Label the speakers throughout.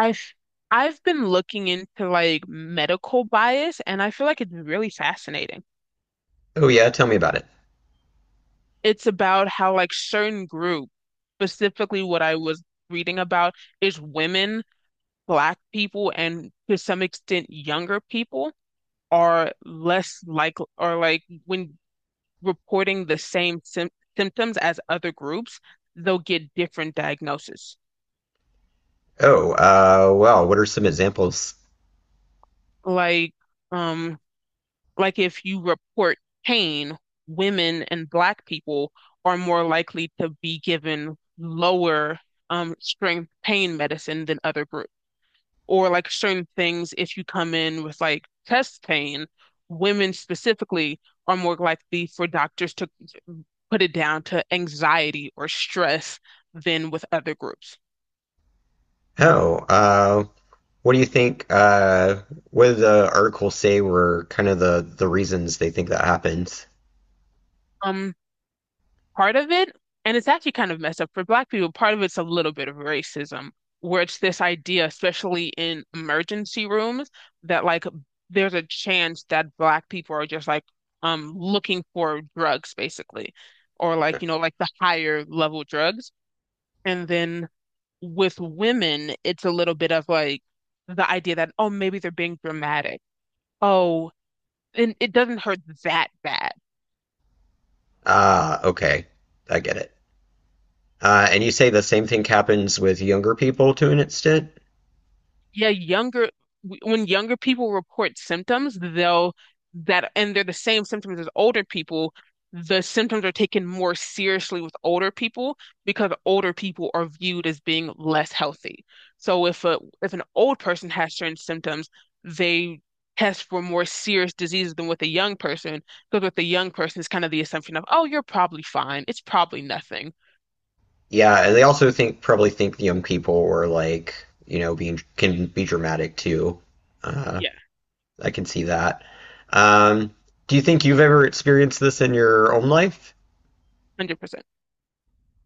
Speaker 1: I've I've been looking into like medical bias, and I feel like it's really fascinating.
Speaker 2: Oh yeah, tell me about it.
Speaker 1: It's about how like certain group, specifically what I was reading about is women, black people, and to some extent younger people are less like, or like when reporting the same symptoms as other groups, they'll get different diagnoses.
Speaker 2: Oh, well, what are some examples?
Speaker 1: Like um like if you report pain, women and black people are more likely to be given lower strength pain medicine than other groups. Or like certain things, if you come in with like chest pain, women specifically are more likely for doctors to put it down to anxiety or stress than with other groups.
Speaker 2: Oh, what do you think? What did the article say were kind of the reasons they think that happens?
Speaker 1: Um, Part of it, and it's actually kind of messed up for Black people, part of it's a little bit of racism, where it's this idea, especially in emergency rooms, that like there's a chance that Black people are just like looking for drugs basically, or like you know like the higher level drugs, and then with women, it's a little bit of like the idea that, oh, maybe they're being dramatic, oh, and it doesn't hurt that bad.
Speaker 2: Ah, okay, I get it. And you say the same thing happens with younger people to an extent?
Speaker 1: Yeah, younger when younger people report symptoms, they'll that, and they're the same symptoms as older people. The symptoms are taken more seriously with older people because older people are viewed as being less healthy. So if a if an old person has certain symptoms, they test for more serious diseases than with a young person, because with a young person, it's kind of the assumption of, oh, you're probably fine. It's probably nothing.
Speaker 2: Yeah, they also think probably think the young people were like, being can be dramatic too. Uh,
Speaker 1: Yeah,
Speaker 2: I can see that. Um, do you think you've ever experienced this in your own life?
Speaker 1: 100%.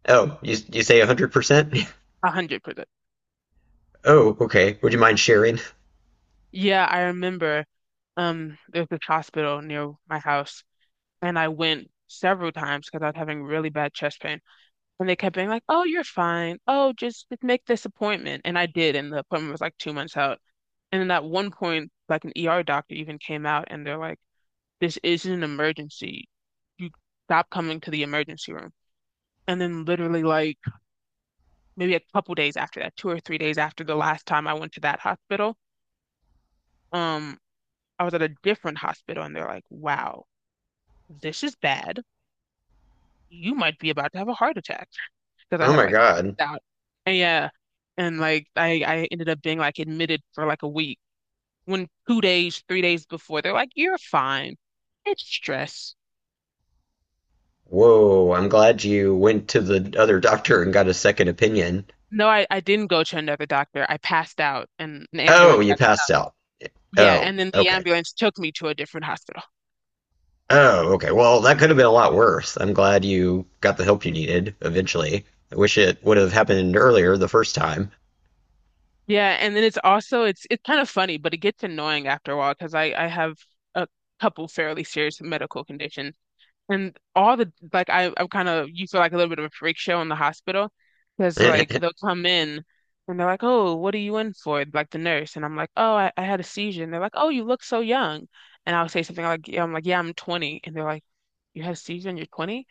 Speaker 2: Oh, you say 100%?
Speaker 1: 100%.
Speaker 2: Oh, okay. Would you mind sharing?
Speaker 1: Yeah, I remember there's this hospital near my house, and I went several times because I was having really bad chest pain. And they kept being like, "Oh, you're fine. Oh, just make this appointment." And I did, and the appointment was like two months out. And then at one point, like an ER doctor even came out and they're like, "This isn't an emergency. You stop coming to the emergency room." And then literally like maybe a couple days after that, two or three days after the last time I went to that hospital, um I was at a different hospital, and they're like, wow, this is bad. You might be about to have a heart attack, because I
Speaker 2: Oh
Speaker 1: had
Speaker 2: my
Speaker 1: like
Speaker 2: God.
Speaker 1: doubt. And yeah. And like I ended up being like admitted for like a week, when two days, three days before, they're like, you're fine. It's stress.
Speaker 2: Whoa, I'm glad you went to the other doctor and got a second opinion.
Speaker 1: No, I didn't go to another doctor. I passed out and an
Speaker 2: Oh,
Speaker 1: ambulance
Speaker 2: you
Speaker 1: had to come.
Speaker 2: passed out.
Speaker 1: Yeah.
Speaker 2: Oh,
Speaker 1: And then the
Speaker 2: okay.
Speaker 1: ambulance took me to a different hospital.
Speaker 2: Oh, okay. Well, that could have been a lot worse. I'm glad you got the help you needed eventually. I wish it would have happened earlier the first time.
Speaker 1: Yeah, and then it's also it's kind of funny, but it gets annoying after a while because I have a couple fairly serious medical conditions, and all the like I'm kind of, you feel like a little bit of a freak show in the hospital because like they'll come in and they're like, oh, what are you in for? Like the nurse, and I'm like, oh, I had a seizure, and they're like, oh, you look so young, and I'll say something like, yeah, I'm 20, and they're like, you had a seizure and you're 20?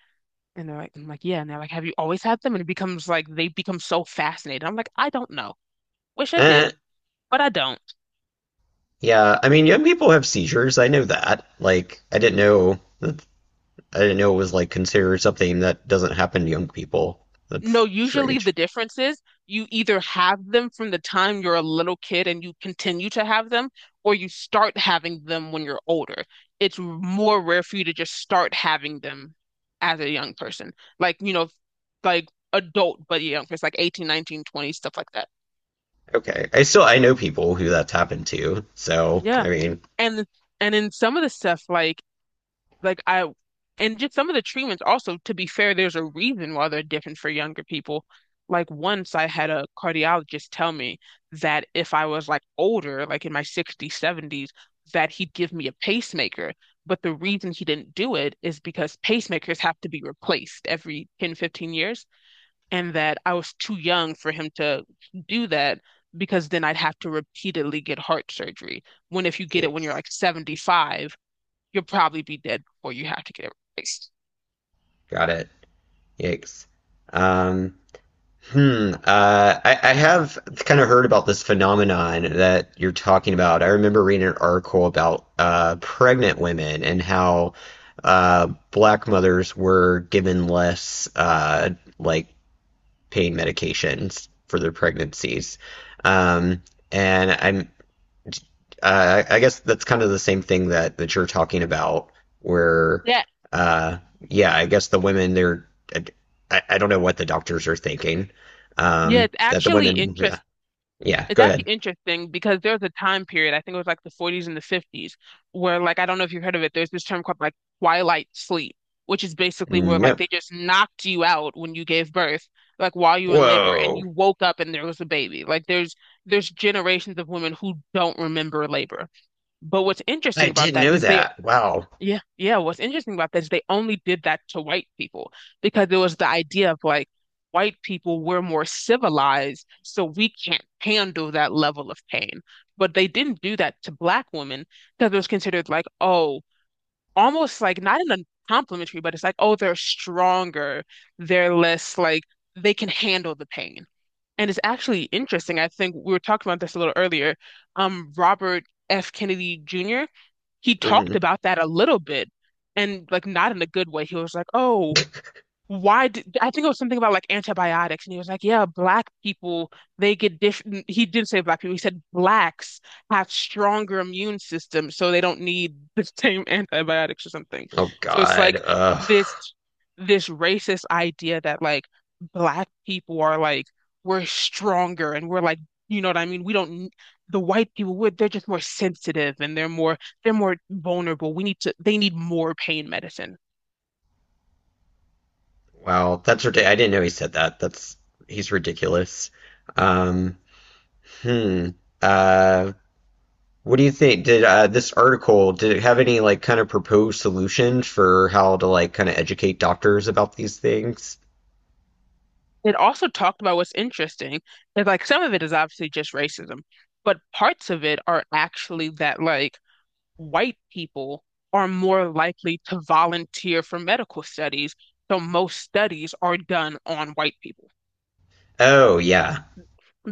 Speaker 1: And they're like, I'm like, yeah, and they're like, have you always had them? And it becomes like they become so fascinated. I'm like, I don't know. Wish I
Speaker 2: Eh,
Speaker 1: did, but I don't.
Speaker 2: yeah, I mean, young people have seizures. I know that. Like, I didn't know that, I didn't know it was like considered something that doesn't happen to young people.
Speaker 1: No,
Speaker 2: That's
Speaker 1: usually the
Speaker 2: strange.
Speaker 1: difference is you either have them from the time you're a little kid and you continue to have them, or you start having them when you're older. It's more rare for you to just start having them as a young person, like, you know, like adult, but young person, like 18, 19, 20, stuff like that.
Speaker 2: Okay. I know people who that's happened to. So,
Speaker 1: Yeah.
Speaker 2: I mean,
Speaker 1: And and in some of the stuff, like I and just some of the treatments also, to be fair, there's a reason why they're different for younger people. Like once I had a cardiologist tell me that if I was like older, like in my 60s, 70s, that he'd give me a pacemaker. But the reason he didn't do it is because pacemakers have to be replaced every 10, 15 years, and that I was too young for him to do that, because then I'd have to repeatedly get heart surgery. When if you get it when you're
Speaker 2: yikes.
Speaker 1: like 75, you'll probably be dead before you have to get it replaced.
Speaker 2: Got it. Yikes. Um, Hmm. I have kind of heard about this phenomenon that you're talking about. I remember reading an article about pregnant women and how black mothers were given less like pain medications for their pregnancies. Um, and I'm I guess that's kind of the same thing that you're talking about, where
Speaker 1: Yeah,
Speaker 2: uh, yeah, I guess the women they're I don't know what the doctors are thinking.
Speaker 1: yeah, it's
Speaker 2: That the
Speaker 1: actually
Speaker 2: women, yeah,
Speaker 1: interest.
Speaker 2: yeah.
Speaker 1: It's
Speaker 2: Go ahead.
Speaker 1: actually interesting because there's a time period, I think it was like the 40s and the 50s, where like I don't know if you've heard of it, there's this term called like twilight sleep, which is basically where like
Speaker 2: No,
Speaker 1: they just knocked you out when you gave birth, like while you were in labor, and
Speaker 2: whoa,
Speaker 1: you woke up and there was a baby. Like there's generations of women who don't remember labor. But what's
Speaker 2: I
Speaker 1: interesting about
Speaker 2: didn't
Speaker 1: that
Speaker 2: know
Speaker 1: is they
Speaker 2: that. Wow.
Speaker 1: Yeah, yeah. What's interesting about that is they only did that to white people because it was the idea of like white people were more civilized, so we can't handle that level of pain. But they didn't do that to black women because it was considered like, oh, almost like not in a complimentary, but it's like, oh, they're stronger, they're less like they can handle the pain. And it's actually interesting. I think we were talking about this a little earlier. Robert F. Kennedy Jr. he talked
Speaker 2: Mhm.
Speaker 1: about that a little bit and like not in a good way. He was like, oh, why did I think it was something about like antibiotics, and he was like, "Yeah, black people they get different." He didn't say black people. He said blacks have stronger immune systems, so they don't need the same antibiotics or something.
Speaker 2: Oh
Speaker 1: So it's
Speaker 2: God.
Speaker 1: like
Speaker 2: Ugh.
Speaker 1: this this racist idea that like black people are like we're stronger and we're like you know what I mean. We don't the white people would they're just more sensitive and they're more vulnerable. We need to they need more pain medicine.
Speaker 2: Wow, that's ridiculous. I didn't know he said that. That's He's ridiculous. Um, hmm. Uh, what do you think? Did this article, did it have any like kind of proposed solutions for how to like kind of educate doctors about these things?
Speaker 1: It also talked about what's interesting is like some of it is obviously just racism, but parts of it are actually that like white people are more likely to volunteer for medical studies. So most studies are done on white people
Speaker 2: Oh yeah.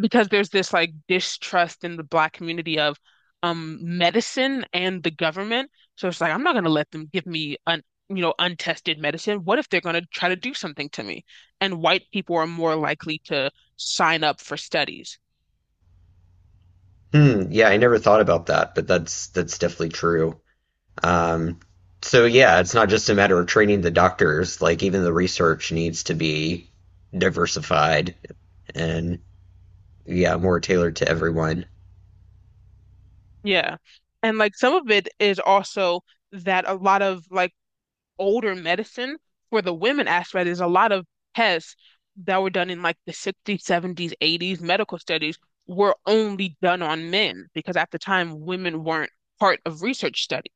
Speaker 1: because there's this like distrust in the black community of medicine and the government. So it's like I'm not going to let them give me un you know untested medicine. What if they're going to try to do something to me? And white people are more likely to sign up for studies.
Speaker 2: Hmm, yeah, I never thought about that, but that's definitely true. Um, so yeah, it's not just a matter of training the doctors, like even the research needs to be diversified and yeah, more tailored to everyone.
Speaker 1: Yeah. And like some of it is also that a lot of like older medicine, for the women aspect. There's a lot of tests that were done in like the 60s, 70s, 80s. Medical studies were only done on men because at the time women weren't part of research studies.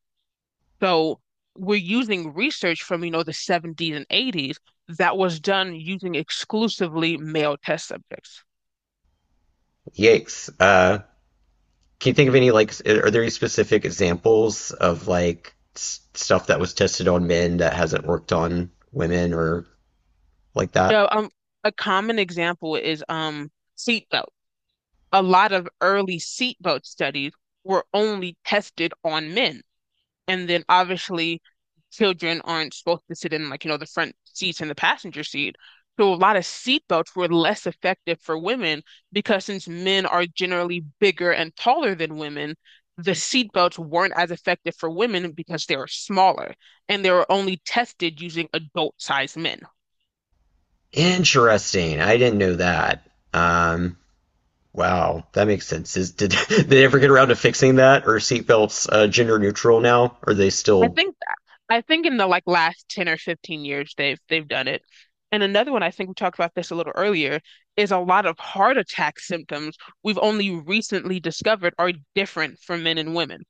Speaker 1: So we're using research from, you know, the 70s and 80s that was done using exclusively male test subjects.
Speaker 2: Yikes. Can you think of any like, are there any specific examples of like s stuff that was tested on men that hasn't worked on women or like that?
Speaker 1: So, a common example is seatbelt. A lot of early seatbelt studies were only tested on men. And then obviously, children aren't supposed to sit in like, you know, the front seats and the passenger seat. So a lot of seatbelts were less effective for women because since men are generally bigger and taller than women, the seatbelts weren't as effective for women because they were smaller, and they were only tested using adult-sized men.
Speaker 2: Interesting. I didn't know that. Um, wow, that makes sense. Is did, did they ever get around to fixing that? Are seatbelts gender neutral now? Are they
Speaker 1: I
Speaker 2: still?
Speaker 1: think I think in the like last 10 or 15 years they've done it. And another one, I think we talked about this a little earlier, is a lot of heart attack symptoms we've only recently discovered are different for men and women.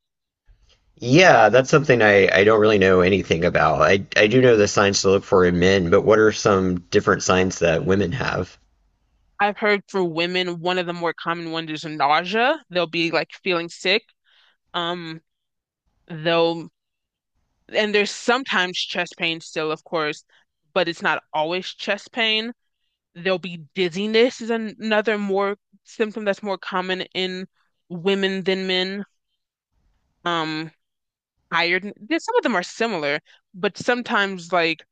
Speaker 2: Yeah, that's something I don't really know anything about. I do know the signs to look for in men, but what are some different signs that women have?
Speaker 1: I've heard for women, one of the more common ones is nausea. They'll be like feeling sick. Um, they'll and there's sometimes chest pain still, of course, but it's not always chest pain. There'll be dizziness is another more symptom that's more common in women than men. Um, tired. There's, some of them are similar, but sometimes like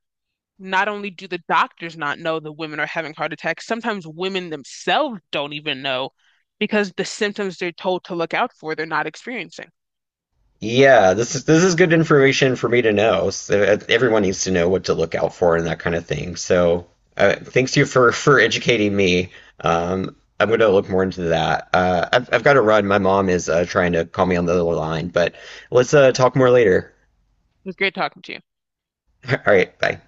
Speaker 1: not only do the doctors not know that women are having heart attacks, sometimes women themselves don't even know because the symptoms they're told to look out for, they're not experiencing.
Speaker 2: Yeah, this is good information for me to know. So everyone needs to know what to look out for and that kind of thing. So thanks to you for educating me. I'm going to look more into that. I've got to run. My mom is trying to call me on the other line, but let's talk more later.
Speaker 1: It was great talking to you.
Speaker 2: All right, bye.